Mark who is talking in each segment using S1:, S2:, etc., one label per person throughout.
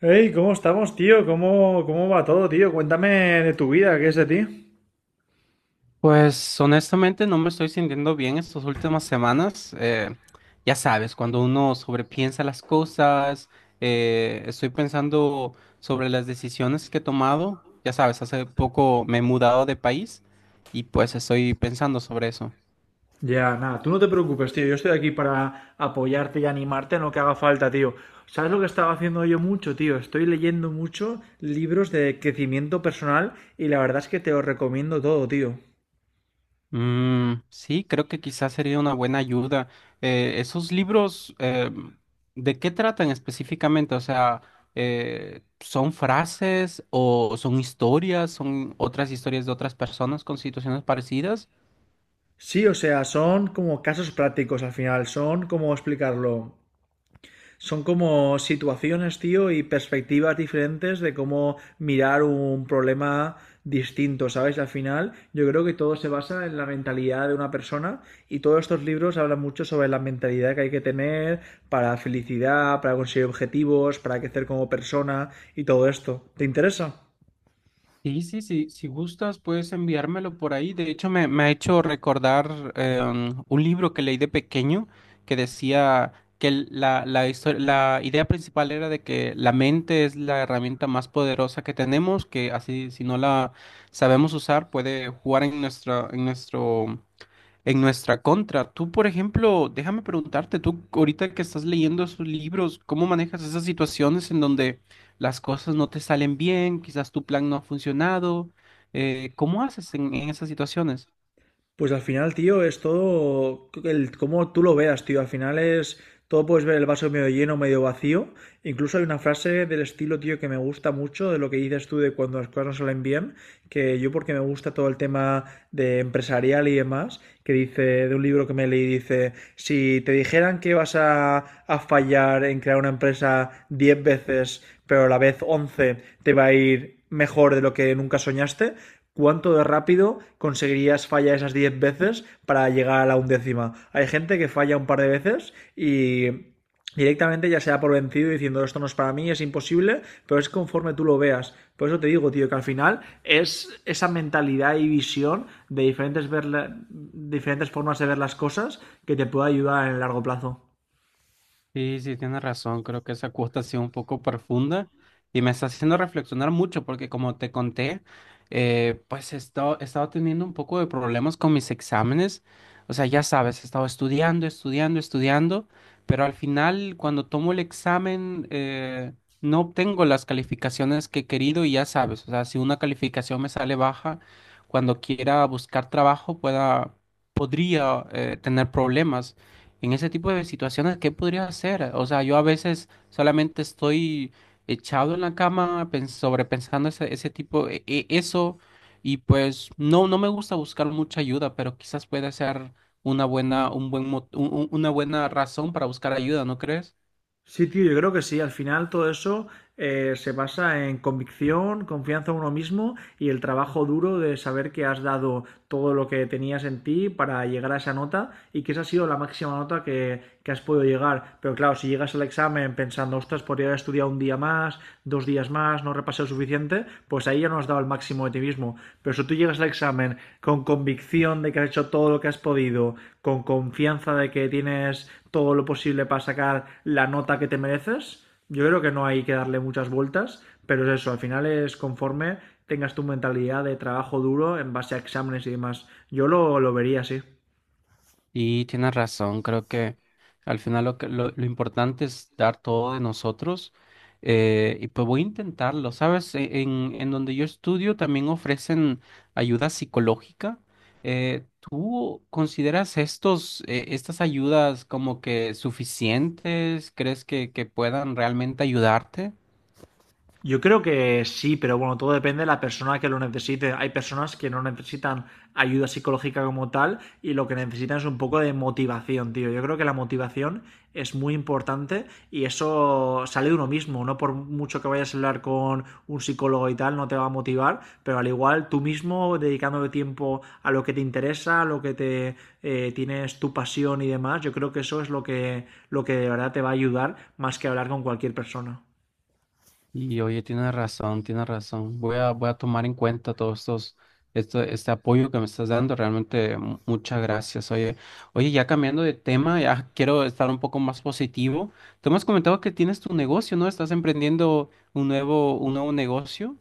S1: Hey, ¿cómo estamos, tío? ¿Cómo va todo, tío? Cuéntame de tu vida, ¿qué es de ti?
S2: Pues honestamente no me estoy sintiendo bien estas últimas semanas. Ya sabes, cuando uno sobrepiensa las cosas, estoy pensando sobre las decisiones que he tomado. Ya sabes, hace poco me he mudado de país y pues estoy pensando sobre eso.
S1: Ya, nada, tú no te preocupes, tío. Yo estoy aquí para apoyarte y animarte en lo que haga falta, tío. ¿Sabes lo que estaba haciendo yo mucho, tío? Estoy leyendo mucho libros de crecimiento personal y la verdad es que te los recomiendo todo, tío.
S2: Mm, sí, creo que quizás sería una buena ayuda. Esos libros, ¿de qué tratan específicamente? O sea, ¿son frases o son historias? ¿Son otras historias de otras personas con situaciones parecidas?
S1: Sí, o sea, son como casos prácticos al final, son como explicarlo. Son como situaciones, tío, y perspectivas diferentes de cómo mirar un problema distinto, ¿sabes? Al final, yo creo que todo se basa en la mentalidad de una persona y todos estos libros hablan mucho sobre la mentalidad que hay que tener para felicidad, para conseguir objetivos, para crecer como persona y todo esto. ¿Te interesa?
S2: Sí, sí, sí, si gustas puedes enviármelo por ahí. De hecho, me ha hecho recordar un libro que leí de pequeño que decía que la idea principal era de que la mente es la herramienta más poderosa que tenemos, que así si no la sabemos usar puede jugar en nuestro, en nuestra contra. Tú, por ejemplo, déjame preguntarte, tú ahorita que estás leyendo esos libros, ¿cómo manejas esas situaciones en donde las cosas no te salen bien, quizás tu plan no ha funcionado? ¿Cómo haces en esas situaciones?
S1: Pues al final, tío, es todo el cómo tú lo veas, tío. Al final es todo, puedes ver el vaso medio lleno, medio vacío. Incluso hay una frase del estilo, tío, que me gusta mucho de lo que dices tú de cuando las cosas no salen bien, que yo porque me gusta todo el tema de empresarial y demás, que dice de un libro que me leí, dice, si te dijeran que vas a fallar en crear una empresa 10 veces, pero a la vez 11 te va a ir mejor de lo que nunca soñaste, ¿cuánto de rápido conseguirías fallar esas 10 veces para llegar a la undécima? Hay gente que falla un par de veces y directamente ya se da por vencido diciendo esto no es para mí, es imposible, pero es conforme tú lo veas. Por eso te digo, tío, que al final es esa mentalidad y visión de diferentes, diferentes formas de ver las cosas que te puede ayudar en el largo plazo.
S2: Sí, sí, tienes razón. Creo que esa cuota ha sido un poco profunda y me está haciendo reflexionar mucho porque como te conté, pues he estado teniendo un poco de problemas con mis exámenes. O sea, ya sabes, he estado estudiando, estudiando, estudiando, pero al final cuando tomo el examen no obtengo las calificaciones que he querido y ya sabes, o sea, si una calificación me sale baja, cuando quiera buscar trabajo podría tener problemas. En ese tipo de situaciones, ¿qué podría hacer? O sea, yo a veces solamente estoy echado en la cama sobrepensando ese tipo, eso, y pues no, no me gusta buscar mucha ayuda, pero quizás puede ser una buena, un buen, mo- un- una buena razón para buscar ayuda, ¿no crees?
S1: Sí, tío, yo creo que sí. Al final todo eso se basa en convicción, confianza en uno mismo y el trabajo duro de saber que has dado todo lo que tenías en ti para llegar a esa nota y que esa ha sido la máxima nota que has podido llegar. Pero claro, si llegas al examen pensando, ostras, podría haber estudiado un día más, 2 días más, no repasé lo suficiente, pues ahí ya no has dado el máximo de ti mismo. Pero si tú llegas al examen con convicción de que has hecho todo lo que has podido, con confianza de que tienes todo lo posible para sacar la nota que te mereces, yo creo que no hay que darle muchas vueltas, pero es eso, al final es conforme tengas tu mentalidad de trabajo duro en base a exámenes y demás. Yo lo vería así.
S2: Y tienes razón, creo que al final lo importante es dar todo de nosotros y pues voy a intentarlo, ¿sabes? En donde yo estudio también ofrecen ayuda psicológica. ¿Tú consideras estas ayudas como que suficientes? ¿Crees que puedan realmente ayudarte?
S1: Yo creo que sí, pero bueno, todo depende de la persona que lo necesite. Hay personas que no necesitan ayuda psicológica como tal y lo que necesitan es un poco de motivación, tío. Yo creo que la motivación es muy importante y eso sale de uno mismo, no por mucho que vayas a hablar con un psicólogo y tal, no te va a motivar, pero al igual tú mismo dedicándole tiempo a lo que te interesa, a lo que te tienes tu pasión y demás, yo creo que eso es lo que de verdad te va a ayudar más que hablar con cualquier persona.
S2: Y oye, tienes razón, tienes razón. Voy a tomar en cuenta este apoyo que me estás dando. Realmente, muchas gracias. Oye, oye, ya cambiando de tema, ya quiero estar un poco más positivo. Tú me has comentado que tienes tu negocio, ¿no? Estás emprendiendo un nuevo negocio.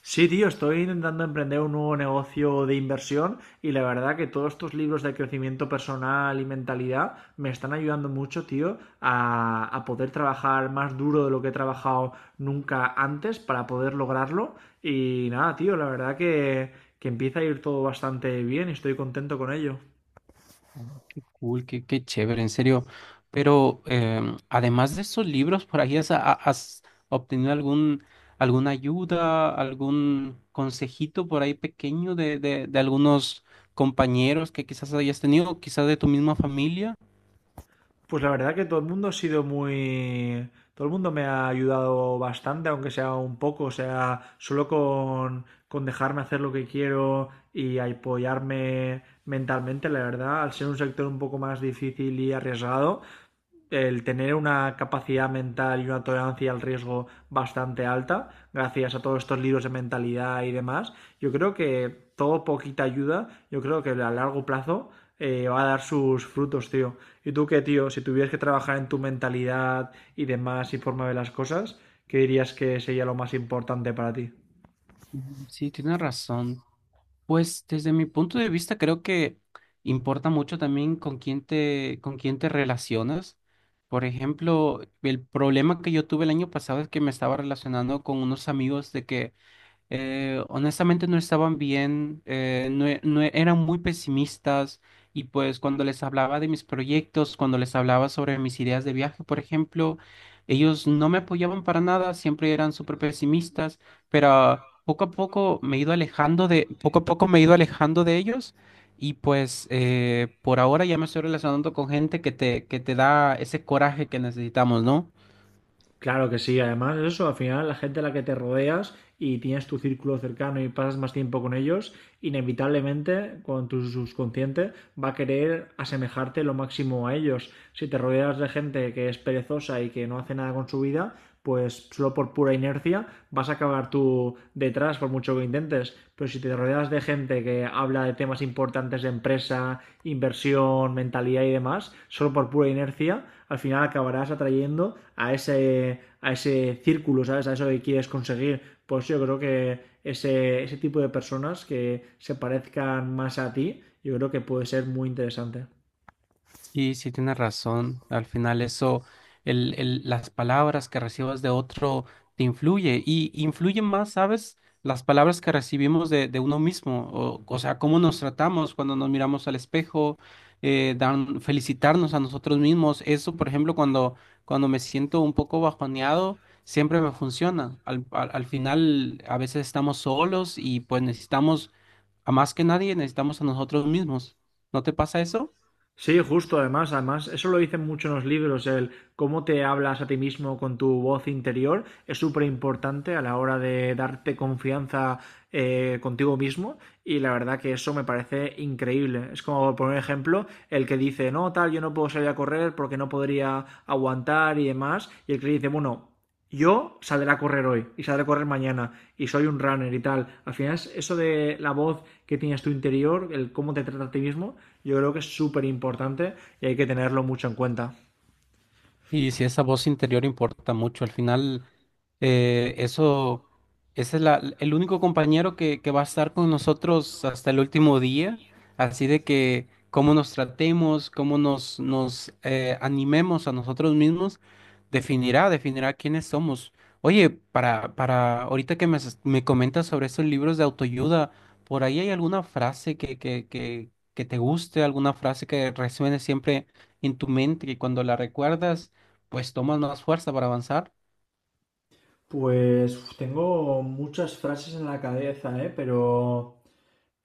S1: Sí, tío, estoy intentando emprender un nuevo negocio de inversión y la verdad que todos tus libros de crecimiento personal y mentalidad me están ayudando mucho, tío, a poder trabajar más duro de lo que he trabajado nunca antes para poder lograrlo. Y nada, tío, la verdad que empieza a ir todo bastante bien y estoy contento con ello.
S2: Oh, qué cool, qué chévere, en serio. Pero además de esos libros, ¿por ahí has obtenido alguna ayuda, algún consejito por ahí pequeño de algunos compañeros que quizás hayas tenido, quizás de tu misma familia?
S1: Pues la verdad que todo el mundo ha sido muy... Todo el mundo me ha ayudado bastante, aunque sea un poco, o sea, solo con dejarme hacer lo que quiero y apoyarme mentalmente, la verdad, al ser un sector un poco más difícil y arriesgado, el tener una capacidad mental y una tolerancia al riesgo bastante alta, gracias a todos estos libros de mentalidad y demás, yo creo que todo poquita ayuda, yo creo que a largo plazo va a dar sus frutos, tío. ¿Y tú qué, tío? Si tuvieras que trabajar en tu mentalidad y demás y forma de las cosas, ¿qué dirías que sería lo más importante para ti?
S2: Mm, sí, tienes razón. Pues desde mi punto de vista creo que importa mucho también con quién te relacionas. Por ejemplo, el problema que yo tuve el año pasado es que me estaba relacionando con unos amigos de que honestamente no estaban bien, no, e- no e- eran muy pesimistas y pues cuando les hablaba de mis proyectos, cuando les hablaba sobre mis ideas de viaje, por ejemplo, ellos no me apoyaban para nada, siempre eran súper pesimistas, pero poco a poco me he ido alejando de, poco a poco me he ido alejando de ellos y pues por ahora ya me estoy relacionando con gente que te da ese coraje que necesitamos, ¿no?
S1: Claro que sí, además eso, al final la gente a la que te rodeas y tienes tu círculo cercano y pasas más tiempo con ellos, inevitablemente con tu subconsciente va a querer asemejarte lo máximo a ellos. Si te rodeas de gente que es perezosa y que no hace nada con su vida, pues solo por pura inercia vas a acabar tú detrás por mucho que intentes. Pero si te rodeas de gente que habla de temas importantes de empresa, inversión, mentalidad y demás, solo por pura inercia, al final acabarás atrayendo a ese círculo, ¿sabes? A eso que quieres conseguir. Pues yo creo que ese tipo de personas que se parezcan más a ti, yo creo que puede ser muy interesante.
S2: Y si tienes razón, al final eso, las palabras que recibas de otro te influye y influyen más, ¿sabes? Las palabras que recibimos de uno mismo, o sea, cómo nos tratamos cuando nos miramos al espejo, felicitarnos a nosotros mismos. Eso, por ejemplo, cuando me siento un poco bajoneado, siempre me funciona. Al final, a veces estamos solos y pues necesitamos, a más que nadie, necesitamos a nosotros mismos. ¿No te pasa eso?
S1: Sí, justo, además, eso lo dicen mucho en los libros, el cómo te hablas a ti mismo con tu voz interior es súper importante a la hora de darte confianza contigo mismo y la verdad que eso me parece increíble. Es como, por ejemplo, el que dice, no, tal, yo no puedo salir a correr porque no podría aguantar y demás, y el que dice, bueno, yo saldré a correr hoy y saldré a correr mañana y soy un runner y tal. Al final, es eso de la voz que tienes tu interior, el cómo te trata a ti mismo, yo creo que es súper importante y hay que tenerlo mucho en cuenta.
S2: Y si esa voz interior importa mucho, al final eso, ese es el único compañero que va a estar con nosotros hasta el último día, así de que cómo nos tratemos, cómo nos, nos animemos a nosotros mismos, definirá quiénes somos. Oye, para ahorita que me comentas sobre estos libros de autoayuda, ¿por ahí hay alguna frase que te guste, alguna frase que resuene siempre en tu mente y cuando la recuerdas? Pues tomas más fuerza para avanzar.
S1: Pues tengo muchas frases en la cabeza, ¿eh? Pero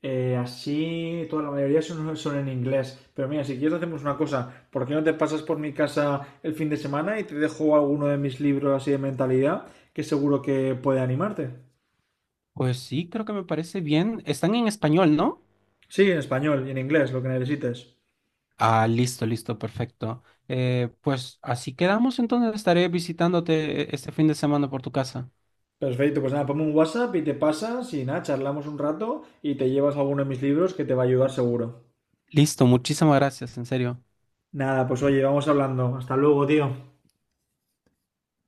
S1: así toda la mayoría son en inglés. Pero mira, si quieres hacemos una cosa, ¿por qué no te pasas por mi casa el fin de semana y te dejo alguno de mis libros así de mentalidad que seguro que puede animarte?
S2: Pues sí, creo que me parece bien. Están en español, ¿no?
S1: Sí, en español y en inglés, lo que necesites.
S2: Ah, listo, listo, perfecto. Pues así quedamos, entonces estaré visitándote este fin de semana por tu casa.
S1: Perfecto, pues nada, ponme un WhatsApp y te pasas y nada, charlamos un rato y te llevas alguno de mis libros que te va a ayudar seguro.
S2: Listo, muchísimas gracias, en serio.
S1: Nada, pues oye, vamos hablando. Hasta luego, tío.